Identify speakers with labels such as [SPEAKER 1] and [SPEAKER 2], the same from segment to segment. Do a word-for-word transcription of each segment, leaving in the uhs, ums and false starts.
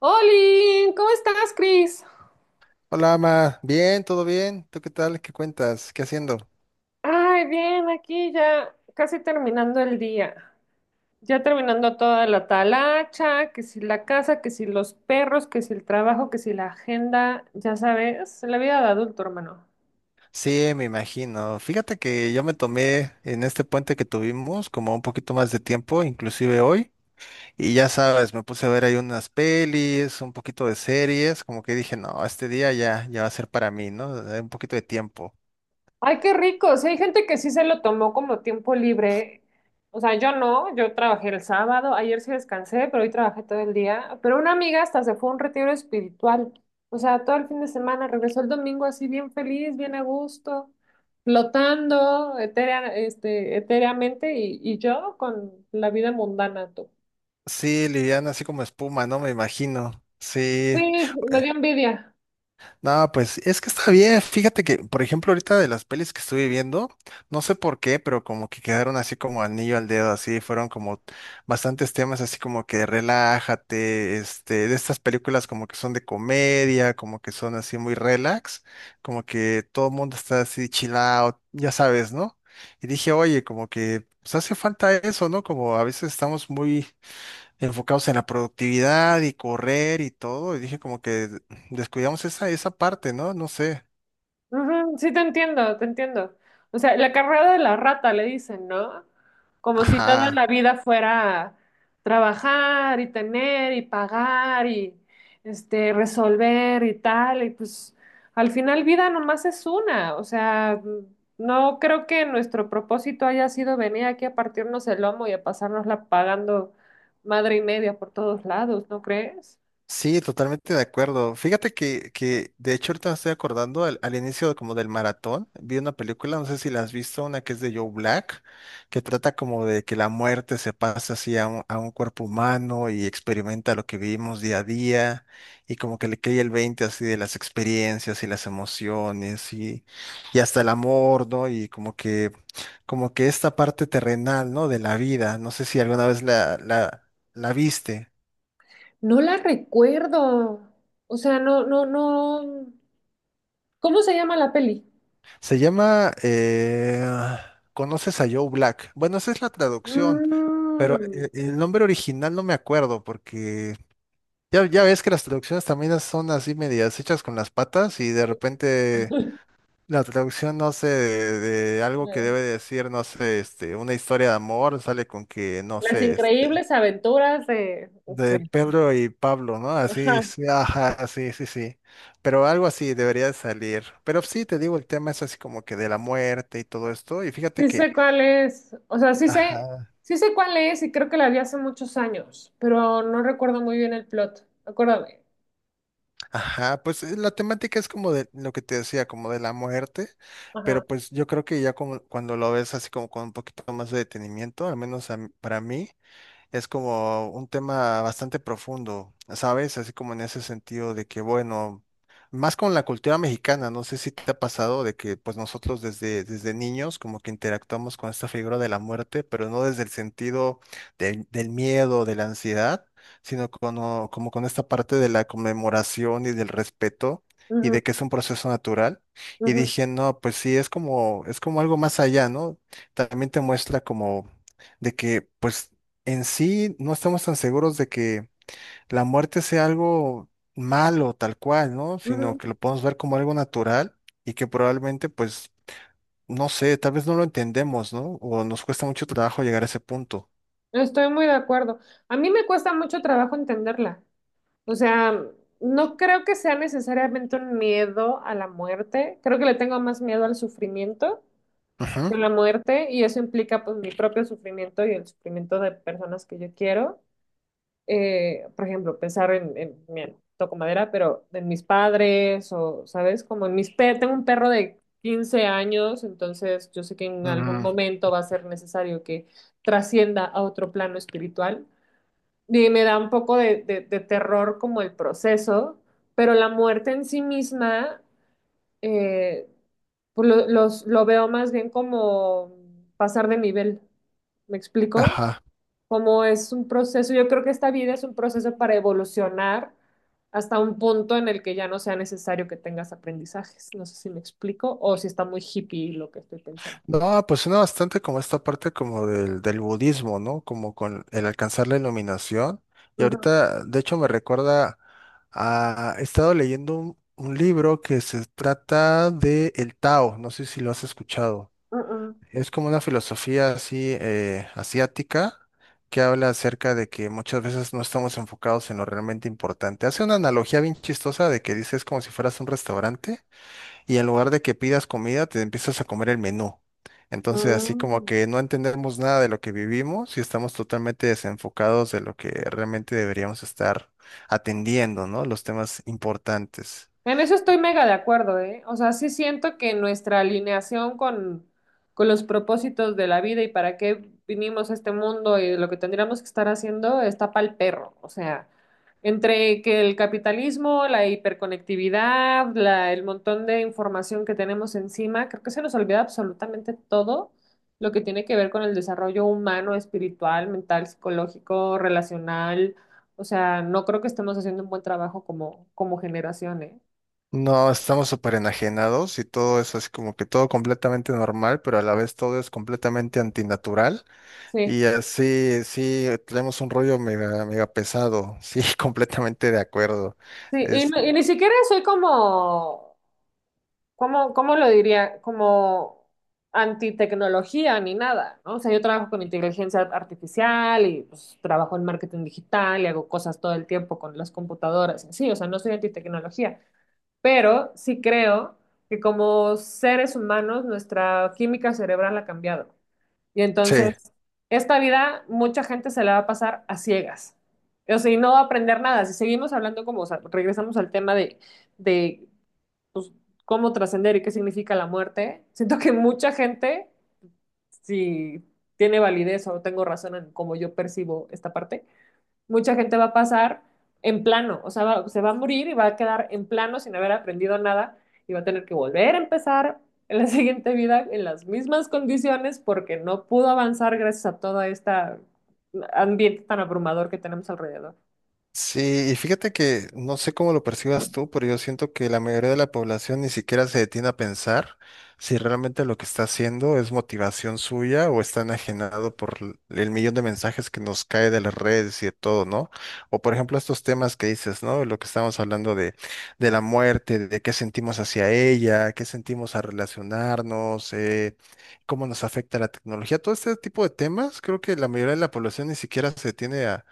[SPEAKER 1] Oli, ¿cómo estás, Cris?
[SPEAKER 2] Hola, Ama. Bien, todo bien. ¿Tú qué tal? ¿Qué cuentas? ¿Qué haciendo?
[SPEAKER 1] Ay, bien, aquí ya casi terminando el día. Ya terminando toda la talacha, que si la casa, que si los perros, que si el trabajo, que si la agenda, ya sabes, la vida de adulto, hermano.
[SPEAKER 2] Sí, me imagino. Fíjate que yo me tomé en este puente que tuvimos como un poquito más de tiempo, inclusive hoy. Y ya sabes, me puse a ver ahí unas pelis, un poquito de series, como que dije, no, este día ya, ya va a ser para mí, ¿no? Eh, Un poquito de tiempo.
[SPEAKER 1] Ay, qué rico. Sí, hay gente que sí se lo tomó como tiempo libre. O sea, yo no, yo trabajé el sábado, ayer sí descansé, pero hoy trabajé todo el día. Pero una amiga hasta se fue a un retiro espiritual. O sea, todo el fin de semana regresó el domingo así bien feliz, bien a gusto, flotando etérea- este, etéreamente y, y yo con la vida mundana, tú.
[SPEAKER 2] Sí, liviana, así como espuma, ¿no? Me imagino.
[SPEAKER 1] Sí,
[SPEAKER 2] Sí,
[SPEAKER 1] me dio envidia.
[SPEAKER 2] no, pues es que está bien. Fíjate que, por ejemplo, ahorita de las pelis que estuve viendo, no sé por qué, pero como que quedaron así como anillo al dedo, así fueron como bastantes temas así como que relájate, este, de estas películas como que son de comedia, como que son así muy relax, como que todo el mundo está así chill out, ya sabes, ¿no? Y dije, oye, como que pues hace falta eso, ¿no? Como a veces estamos muy enfocados en la productividad y correr y todo, y dije como que descuidamos esa, esa parte, ¿no? No sé.
[SPEAKER 1] Ujú, sí, te entiendo, te entiendo. O sea, la carrera de la rata, le dicen, ¿no? Como si toda
[SPEAKER 2] Ajá.
[SPEAKER 1] la vida fuera trabajar y tener y pagar y este, resolver y tal. Y pues al final vida nomás es una. O sea, no creo que nuestro propósito haya sido venir aquí a partirnos el lomo y a pasárnosla pagando madre y media por todos lados, ¿no crees?
[SPEAKER 2] Sí, totalmente de acuerdo. Fíjate que, que de hecho ahorita me estoy acordando al, al inicio como del maratón, vi una película, no sé si la has visto, una que es de Joe Black, que trata como de que la muerte se pasa así a un, a un cuerpo humano y experimenta lo que vivimos día a día y como que le cae el veinte así de las experiencias y las emociones y, y hasta el amor, ¿no? Y como que, como que esta parte terrenal, ¿no? De la vida, no sé si alguna vez la, la, la viste.
[SPEAKER 1] No la recuerdo. O sea, no, no, no. ¿Cómo se llama la peli?
[SPEAKER 2] Se llama, eh, ¿conoces a Joe Black? Bueno, esa es la traducción, pero
[SPEAKER 1] Mm.
[SPEAKER 2] e- el nombre original no me acuerdo porque ya, ya ves que las traducciones también son así medias hechas con las patas y de repente la traducción, no sé, de, de algo que debe decir, no sé, este, una historia de amor, sale con que, no
[SPEAKER 1] Las
[SPEAKER 2] sé, este,
[SPEAKER 1] increíbles aventuras de... sí.
[SPEAKER 2] de Pedro y Pablo, ¿no? Así,
[SPEAKER 1] Ajá,
[SPEAKER 2] sí, ajá, sí, sí, sí. Pero algo así debería de salir. Pero sí, te digo, el tema es así como que de la muerte y todo esto. Y fíjate
[SPEAKER 1] sí
[SPEAKER 2] que,
[SPEAKER 1] sé cuál es, o sea, sí sé,
[SPEAKER 2] ajá,
[SPEAKER 1] sí sé cuál es y creo que la vi hace muchos años, pero no recuerdo muy bien el plot, acuérdame.
[SPEAKER 2] ajá, pues eh, la temática es como de lo que te decía, como de la muerte.
[SPEAKER 1] Ajá,
[SPEAKER 2] Pero pues yo creo que ya como cuando lo ves así como con un poquito más de detenimiento, al menos a mí- para mí es como un tema bastante profundo, ¿sabes? Así como en ese sentido de que, bueno, más con la cultura mexicana, no sé si te ha pasado de que pues nosotros desde, desde niños como que interactuamos con esta figura de la muerte, pero no desde el sentido del, del miedo, de la ansiedad, sino como, como con esta parte de la conmemoración y del respeto. Y
[SPEAKER 1] ujú,
[SPEAKER 2] de que es un proceso natural. Y
[SPEAKER 1] ujú,
[SPEAKER 2] dije, no, pues sí, es como, es como algo más allá, ¿no? También te muestra como de que, pues, en sí no estamos tan seguros de que la muerte sea algo malo tal cual, ¿no? Sino
[SPEAKER 1] ujú.
[SPEAKER 2] que lo podemos ver como algo natural y que probablemente, pues, no sé, tal vez no lo entendemos, ¿no? O nos cuesta mucho trabajo llegar a ese punto.
[SPEAKER 1] Estoy muy de acuerdo. A mí me cuesta mucho trabajo entenderla, o sea, no creo que sea necesariamente un miedo a la muerte, creo que le tengo más miedo al sufrimiento
[SPEAKER 2] Ujú.
[SPEAKER 1] con la muerte y eso implica pues mi propio sufrimiento y el sufrimiento de personas que yo quiero. Eh, por ejemplo, pensar en, en, mira, toco madera, pero en mis padres o, ¿sabes? Como en mis pe tengo un perro de quince años, entonces yo sé que en algún
[SPEAKER 2] Mm.
[SPEAKER 1] momento va a ser necesario que trascienda a otro plano espiritual. Y me da un poco de, de de terror como el proceso, pero la muerte en sí misma eh, pues lo, los, lo veo más bien como pasar de nivel. ¿Me explico?
[SPEAKER 2] Ajá.
[SPEAKER 1] Como es un proceso, yo creo que esta vida es un proceso para evolucionar hasta un punto en el que ya no sea necesario que tengas aprendizajes. No sé si me explico o si está muy hippie lo que estoy pensando.
[SPEAKER 2] No, pues suena bastante como esta parte como del, del budismo, ¿no? Como con el alcanzar la iluminación. Y
[SPEAKER 1] Ujú,
[SPEAKER 2] ahorita, de hecho, me recuerda a... He estado leyendo un, un libro que se trata de el Tao, no sé si lo has escuchado. Es como una filosofía así eh, asiática que habla acerca de que muchas veces no estamos enfocados en lo realmente importante. Hace una analogía bien chistosa de que dices como si fueras un restaurante y en lugar de que pidas comida, te empiezas a comer el menú. Entonces, así
[SPEAKER 1] ujú,
[SPEAKER 2] como
[SPEAKER 1] mm.
[SPEAKER 2] que no entendemos nada de lo que vivimos y estamos totalmente desenfocados de lo que realmente deberíamos estar atendiendo, ¿no? Los temas importantes.
[SPEAKER 1] En eso estoy mega de acuerdo, ¿eh? O sea, sí siento que nuestra alineación con, con los propósitos de la vida y para qué vinimos a este mundo y lo que tendríamos que estar haciendo está pa'l perro. O sea, entre que el capitalismo, la hiperconectividad, la, el montón de información que tenemos encima, creo que se nos olvida absolutamente todo lo que tiene que ver con el desarrollo humano, espiritual, mental, psicológico, relacional. O sea, no creo que estemos haciendo un buen trabajo como, como generación, ¿eh?
[SPEAKER 2] No, estamos súper enajenados y todo es así como que todo completamente normal, pero a la vez todo es completamente antinatural.
[SPEAKER 1] Sí,
[SPEAKER 2] Y así, sí, tenemos un rollo mega, mega pesado. Sí, completamente de acuerdo.
[SPEAKER 1] sí, y,
[SPEAKER 2] Es,
[SPEAKER 1] no- y ni siquiera soy como, como, ¿cómo lo diría? Como antitecnología ni nada, ¿no? O sea, yo trabajo con inteligencia artificial y pues, trabajo en marketing digital y hago cosas todo el tiempo con las computadoras. Sí, o sea, no soy antitecnología, pero sí creo que como seres humanos nuestra química cerebral ha cambiado. Y
[SPEAKER 2] sí.
[SPEAKER 1] entonces, esta vida, mucha gente se la va a pasar a ciegas. O sea, y no va a aprender nada. Si seguimos hablando como, o sea, regresamos al tema de, de pues, cómo trascender y qué significa la muerte, siento que mucha gente, si tiene validez o tengo razón en cómo yo percibo esta parte, mucha gente va a pasar en plano, o sea, va- se va a morir y va a quedar en plano sin haber aprendido nada y va a tener que volver a empezar en la siguiente vida en las mismas condiciones porque no pudo avanzar gracias a todo este ambiente tan abrumador que tenemos alrededor.
[SPEAKER 2] Sí, y fíjate que no sé cómo lo percibas tú, pero yo siento que la mayoría de la población ni siquiera se detiene a pensar si realmente lo que está haciendo es motivación suya o está enajenado por l- el millón de mensajes que nos cae de las redes y de todo, ¿no? O por ejemplo estos temas que dices, ¿no? Lo que estamos hablando de, de la muerte, de qué sentimos hacia ella, qué sentimos al relacionarnos, eh, cómo nos afecta la tecnología, todo este tipo de temas, creo que la mayoría de la población ni siquiera se detiene a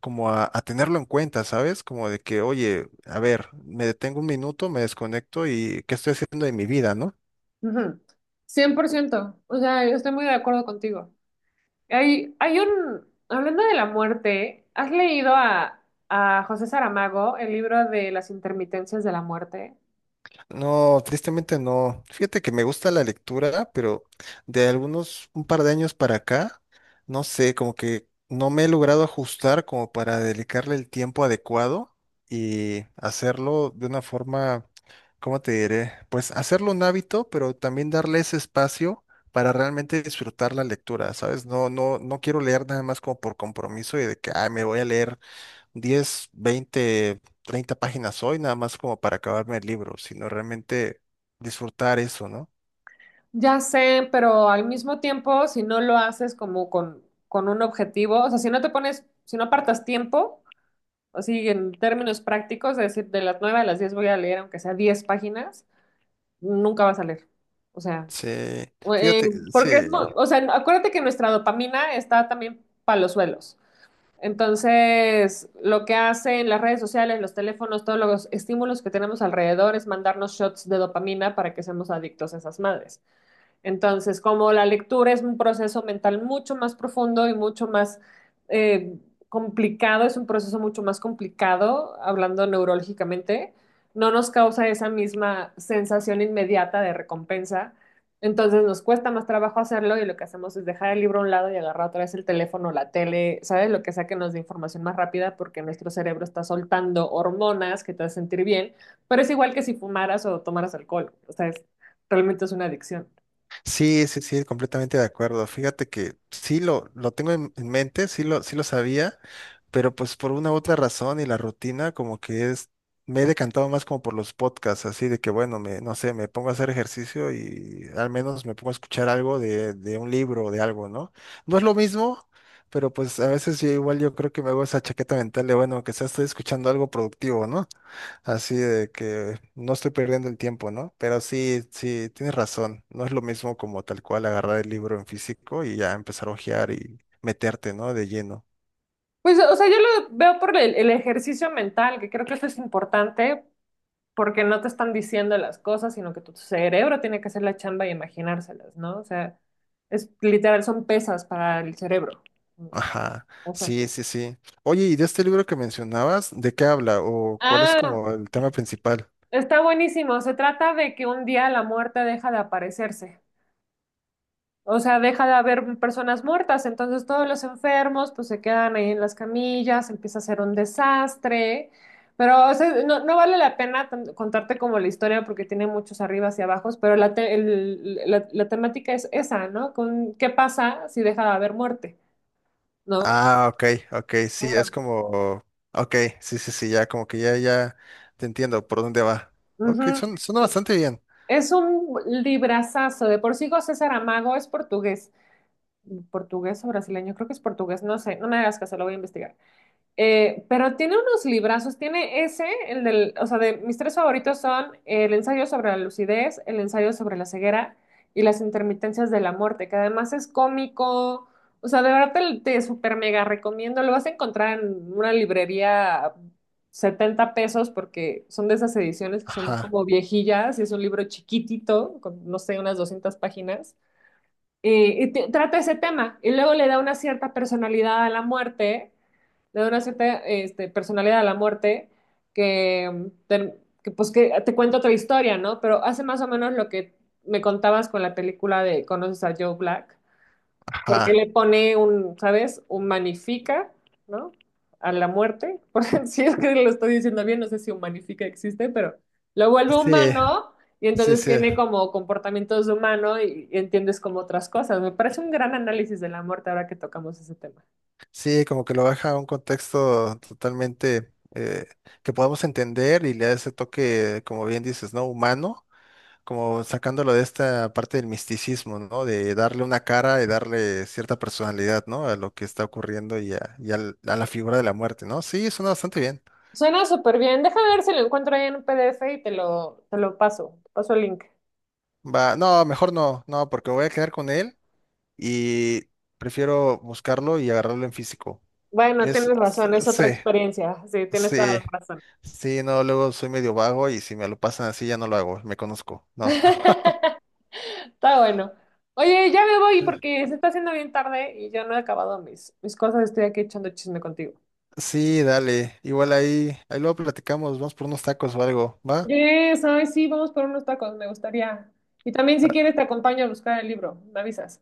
[SPEAKER 2] como a, a tenerlo en cuenta, ¿sabes? Como de que, oye, a ver, me detengo un minuto, me desconecto y ¿qué estoy haciendo de mi vida, no?
[SPEAKER 1] Ujú. Cien por ciento, o sea, yo estoy muy de acuerdo contigo. Hay, hay un, hablando de la muerte, ¿has leído a, a José Saramago el libro de las intermitencias de la muerte?
[SPEAKER 2] No, tristemente no. Fíjate que me gusta la lectura, pero de algunos un par de años para acá, no sé, como que no me he logrado ajustar como para dedicarle el tiempo adecuado y hacerlo de una forma, ¿cómo te diré? Pues hacerlo un hábito, pero también darle ese espacio para realmente disfrutar la lectura, ¿sabes? No, no, no quiero leer nada más como por compromiso y de que, ah, me voy a leer diez, veinte, treinta páginas hoy, nada más como para acabarme el libro, sino realmente disfrutar eso, ¿no?
[SPEAKER 1] Ya sé, pero al mismo tiempo, si no lo haces como con, con un objetivo, o sea, si no te pones, si no apartas tiempo, así en términos prácticos, es decir, de las nueve a las diez voy a leer, aunque sea diez páginas, nunca vas a leer. O sea,
[SPEAKER 2] Sí,
[SPEAKER 1] o- eh,
[SPEAKER 2] fíjate,
[SPEAKER 1] porque es, mu-
[SPEAKER 2] sí,
[SPEAKER 1] o sea, acuérdate que nuestra dopamina está también para los suelos. Entonces, lo que hacen las redes sociales, los teléfonos, todos los estímulos que tenemos alrededor es mandarnos shots de dopamina para que seamos adictos a esas madres. Entonces, como la lectura es un proceso mental mucho más profundo y mucho más eh, complicado, es un proceso mucho más complicado, hablando neurológicamente, no nos causa esa misma sensación inmediata de recompensa. Entonces nos cuesta más trabajo hacerlo y lo que hacemos es dejar el libro a un lado y agarrar otra vez el teléfono, la tele, ¿sabes? Lo que sea que nos dé información más rápida porque nuestro cerebro está soltando hormonas que te hacen sentir bien, pero es igual que si fumaras o tomaras alcohol, o sea, es- realmente es una adicción.
[SPEAKER 2] sí, sí, sí, completamente de acuerdo. Fíjate que sí lo, lo tengo en en mente, sí lo, sí lo sabía, pero pues por una u otra razón y la rutina como que es, me he decantado más como por los podcasts, así de que bueno, me, no sé, me pongo a hacer ejercicio y al menos me pongo a escuchar algo de, de un libro o de algo, ¿no? No es lo mismo, pero pues a veces yo igual yo creo que me hago esa chaqueta mental de bueno, que sea estoy escuchando algo productivo, ¿no? Así de que no estoy perdiendo el tiempo, ¿no? Pero sí, sí, tienes razón. No es lo mismo como tal cual agarrar el libro en físico y ya empezar a hojear y meterte, ¿no? De lleno.
[SPEAKER 1] Pues, o sea, yo lo veo por el, el ejercicio mental, que creo que eso es importante porque no te están diciendo las cosas, sino que tu cerebro tiene que hacer la chamba y imaginárselas, ¿no? O sea, es literal, son pesas para el cerebro.
[SPEAKER 2] Ajá,
[SPEAKER 1] O sea,
[SPEAKER 2] sí, sí, sí. Oye, ¿y de este libro que mencionabas, de qué habla o cuál es
[SPEAKER 1] ah,
[SPEAKER 2] como el tema principal?
[SPEAKER 1] está buenísimo. Se trata de que un día la muerte deja de aparecerse. O sea, deja de haber personas muertas, entonces todos los enfermos pues se quedan ahí en las camillas, empieza a ser un desastre, pero o sea, no, no vale la pena tan- contarte como la historia porque tiene muchos arribas y abajos, pero la, te- el- la, la temática es esa, ¿no? Con, ¿qué pasa si deja de haber muerte? ¿No?
[SPEAKER 2] Ah, ok, ok, sí,
[SPEAKER 1] Ahora,
[SPEAKER 2] es como, ok, sí, sí, sí, ya como que ya, ya te entiendo por dónde va. Ok,
[SPEAKER 1] ujú.
[SPEAKER 2] son, suena bastante bien.
[SPEAKER 1] Es un librazazo, de por sí José Saramago es portugués, portugués o brasileño, creo que es portugués, no sé, no me hagas caso, lo voy a investigar. Eh, pero tiene unos librazos, tiene ese, el del, o sea, de mis tres favoritos son el ensayo sobre la lucidez, el ensayo sobre la ceguera y las intermitencias de la muerte, que además es cómico, o sea, de verdad te, te super mega recomiendo, lo vas a encontrar en una librería a setenta pesos porque son de esas ediciones que son
[SPEAKER 2] Ajá,
[SPEAKER 1] como viejillas y es un libro chiquitito, con, no sé, unas doscientas páginas. Eh, y te- trata ese tema y luego le da una cierta personalidad a la muerte le da una cierta este, personalidad a la muerte que, mm, que, pues que te cuenta otra historia, ¿no? Pero hace más o menos lo que me contabas con la película de Conoces a Joe Black, que
[SPEAKER 2] ajá,
[SPEAKER 1] le pone un, ¿sabes? Humanifica, ¿no? A la muerte. Por si es que lo estoy diciendo bien, no sé si humanifica existe, pero lo vuelve
[SPEAKER 2] sí,
[SPEAKER 1] humano. Y
[SPEAKER 2] sí,
[SPEAKER 1] entonces
[SPEAKER 2] sí.
[SPEAKER 1] tiene como comportamientos de humano y, y entiendes como otras cosas. Me parece un gran análisis de la muerte ahora que tocamos ese tema.
[SPEAKER 2] Sí, como que lo baja a un contexto totalmente eh, que podamos entender y le da ese toque, como bien dices, ¿no? Humano, como sacándolo de esta parte del misticismo, ¿no? De darle una cara y darle cierta personalidad, ¿no? A lo que está ocurriendo y a, y al- a la figura de la muerte, ¿no? Sí, suena bastante bien.
[SPEAKER 1] Suena súper bien. Déjame ver si lo encuentro ahí en un P D F y te lo, te lo paso. Te paso el link.
[SPEAKER 2] Va, no, mejor no, no, porque voy a quedar con él y prefiero buscarlo y agarrarlo en físico.
[SPEAKER 1] Bueno,
[SPEAKER 2] Es,
[SPEAKER 1] tienes razón, es otra
[SPEAKER 2] sí.
[SPEAKER 1] experiencia. Sí, tienes toda
[SPEAKER 2] Sí,
[SPEAKER 1] la razón.
[SPEAKER 2] sí, no, luego soy medio vago y si me lo pasan así ya no lo hago, me conozco, no.
[SPEAKER 1] Está bueno. Oye, ya me voy
[SPEAKER 2] Sí,
[SPEAKER 1] porque se está haciendo bien tarde y yo no he acabado mis, mis cosas. Estoy aquí echando chisme contigo.
[SPEAKER 2] sí, dale, igual ahí, ahí luego platicamos, vamos por unos tacos o algo, ¿va?
[SPEAKER 1] Yes, ay, sí, vamos por unos tacos, me gustaría. Y también si quieres
[SPEAKER 2] Ah,
[SPEAKER 1] te acompaño a buscar el libro, me avisas.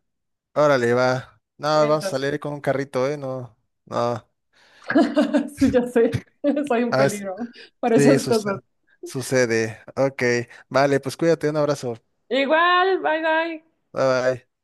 [SPEAKER 2] órale, va. No, vamos a
[SPEAKER 1] Mientras.
[SPEAKER 2] salir con un carrito, ¿eh? No, no.
[SPEAKER 1] Sí, ya sé, soy un
[SPEAKER 2] A ver,
[SPEAKER 1] peligro para
[SPEAKER 2] sí,
[SPEAKER 1] esas cosas.
[SPEAKER 2] sucede. Sucede. Ok, vale, pues cuídate, un abrazo.
[SPEAKER 1] Igual, bye bye.
[SPEAKER 2] Bye bye.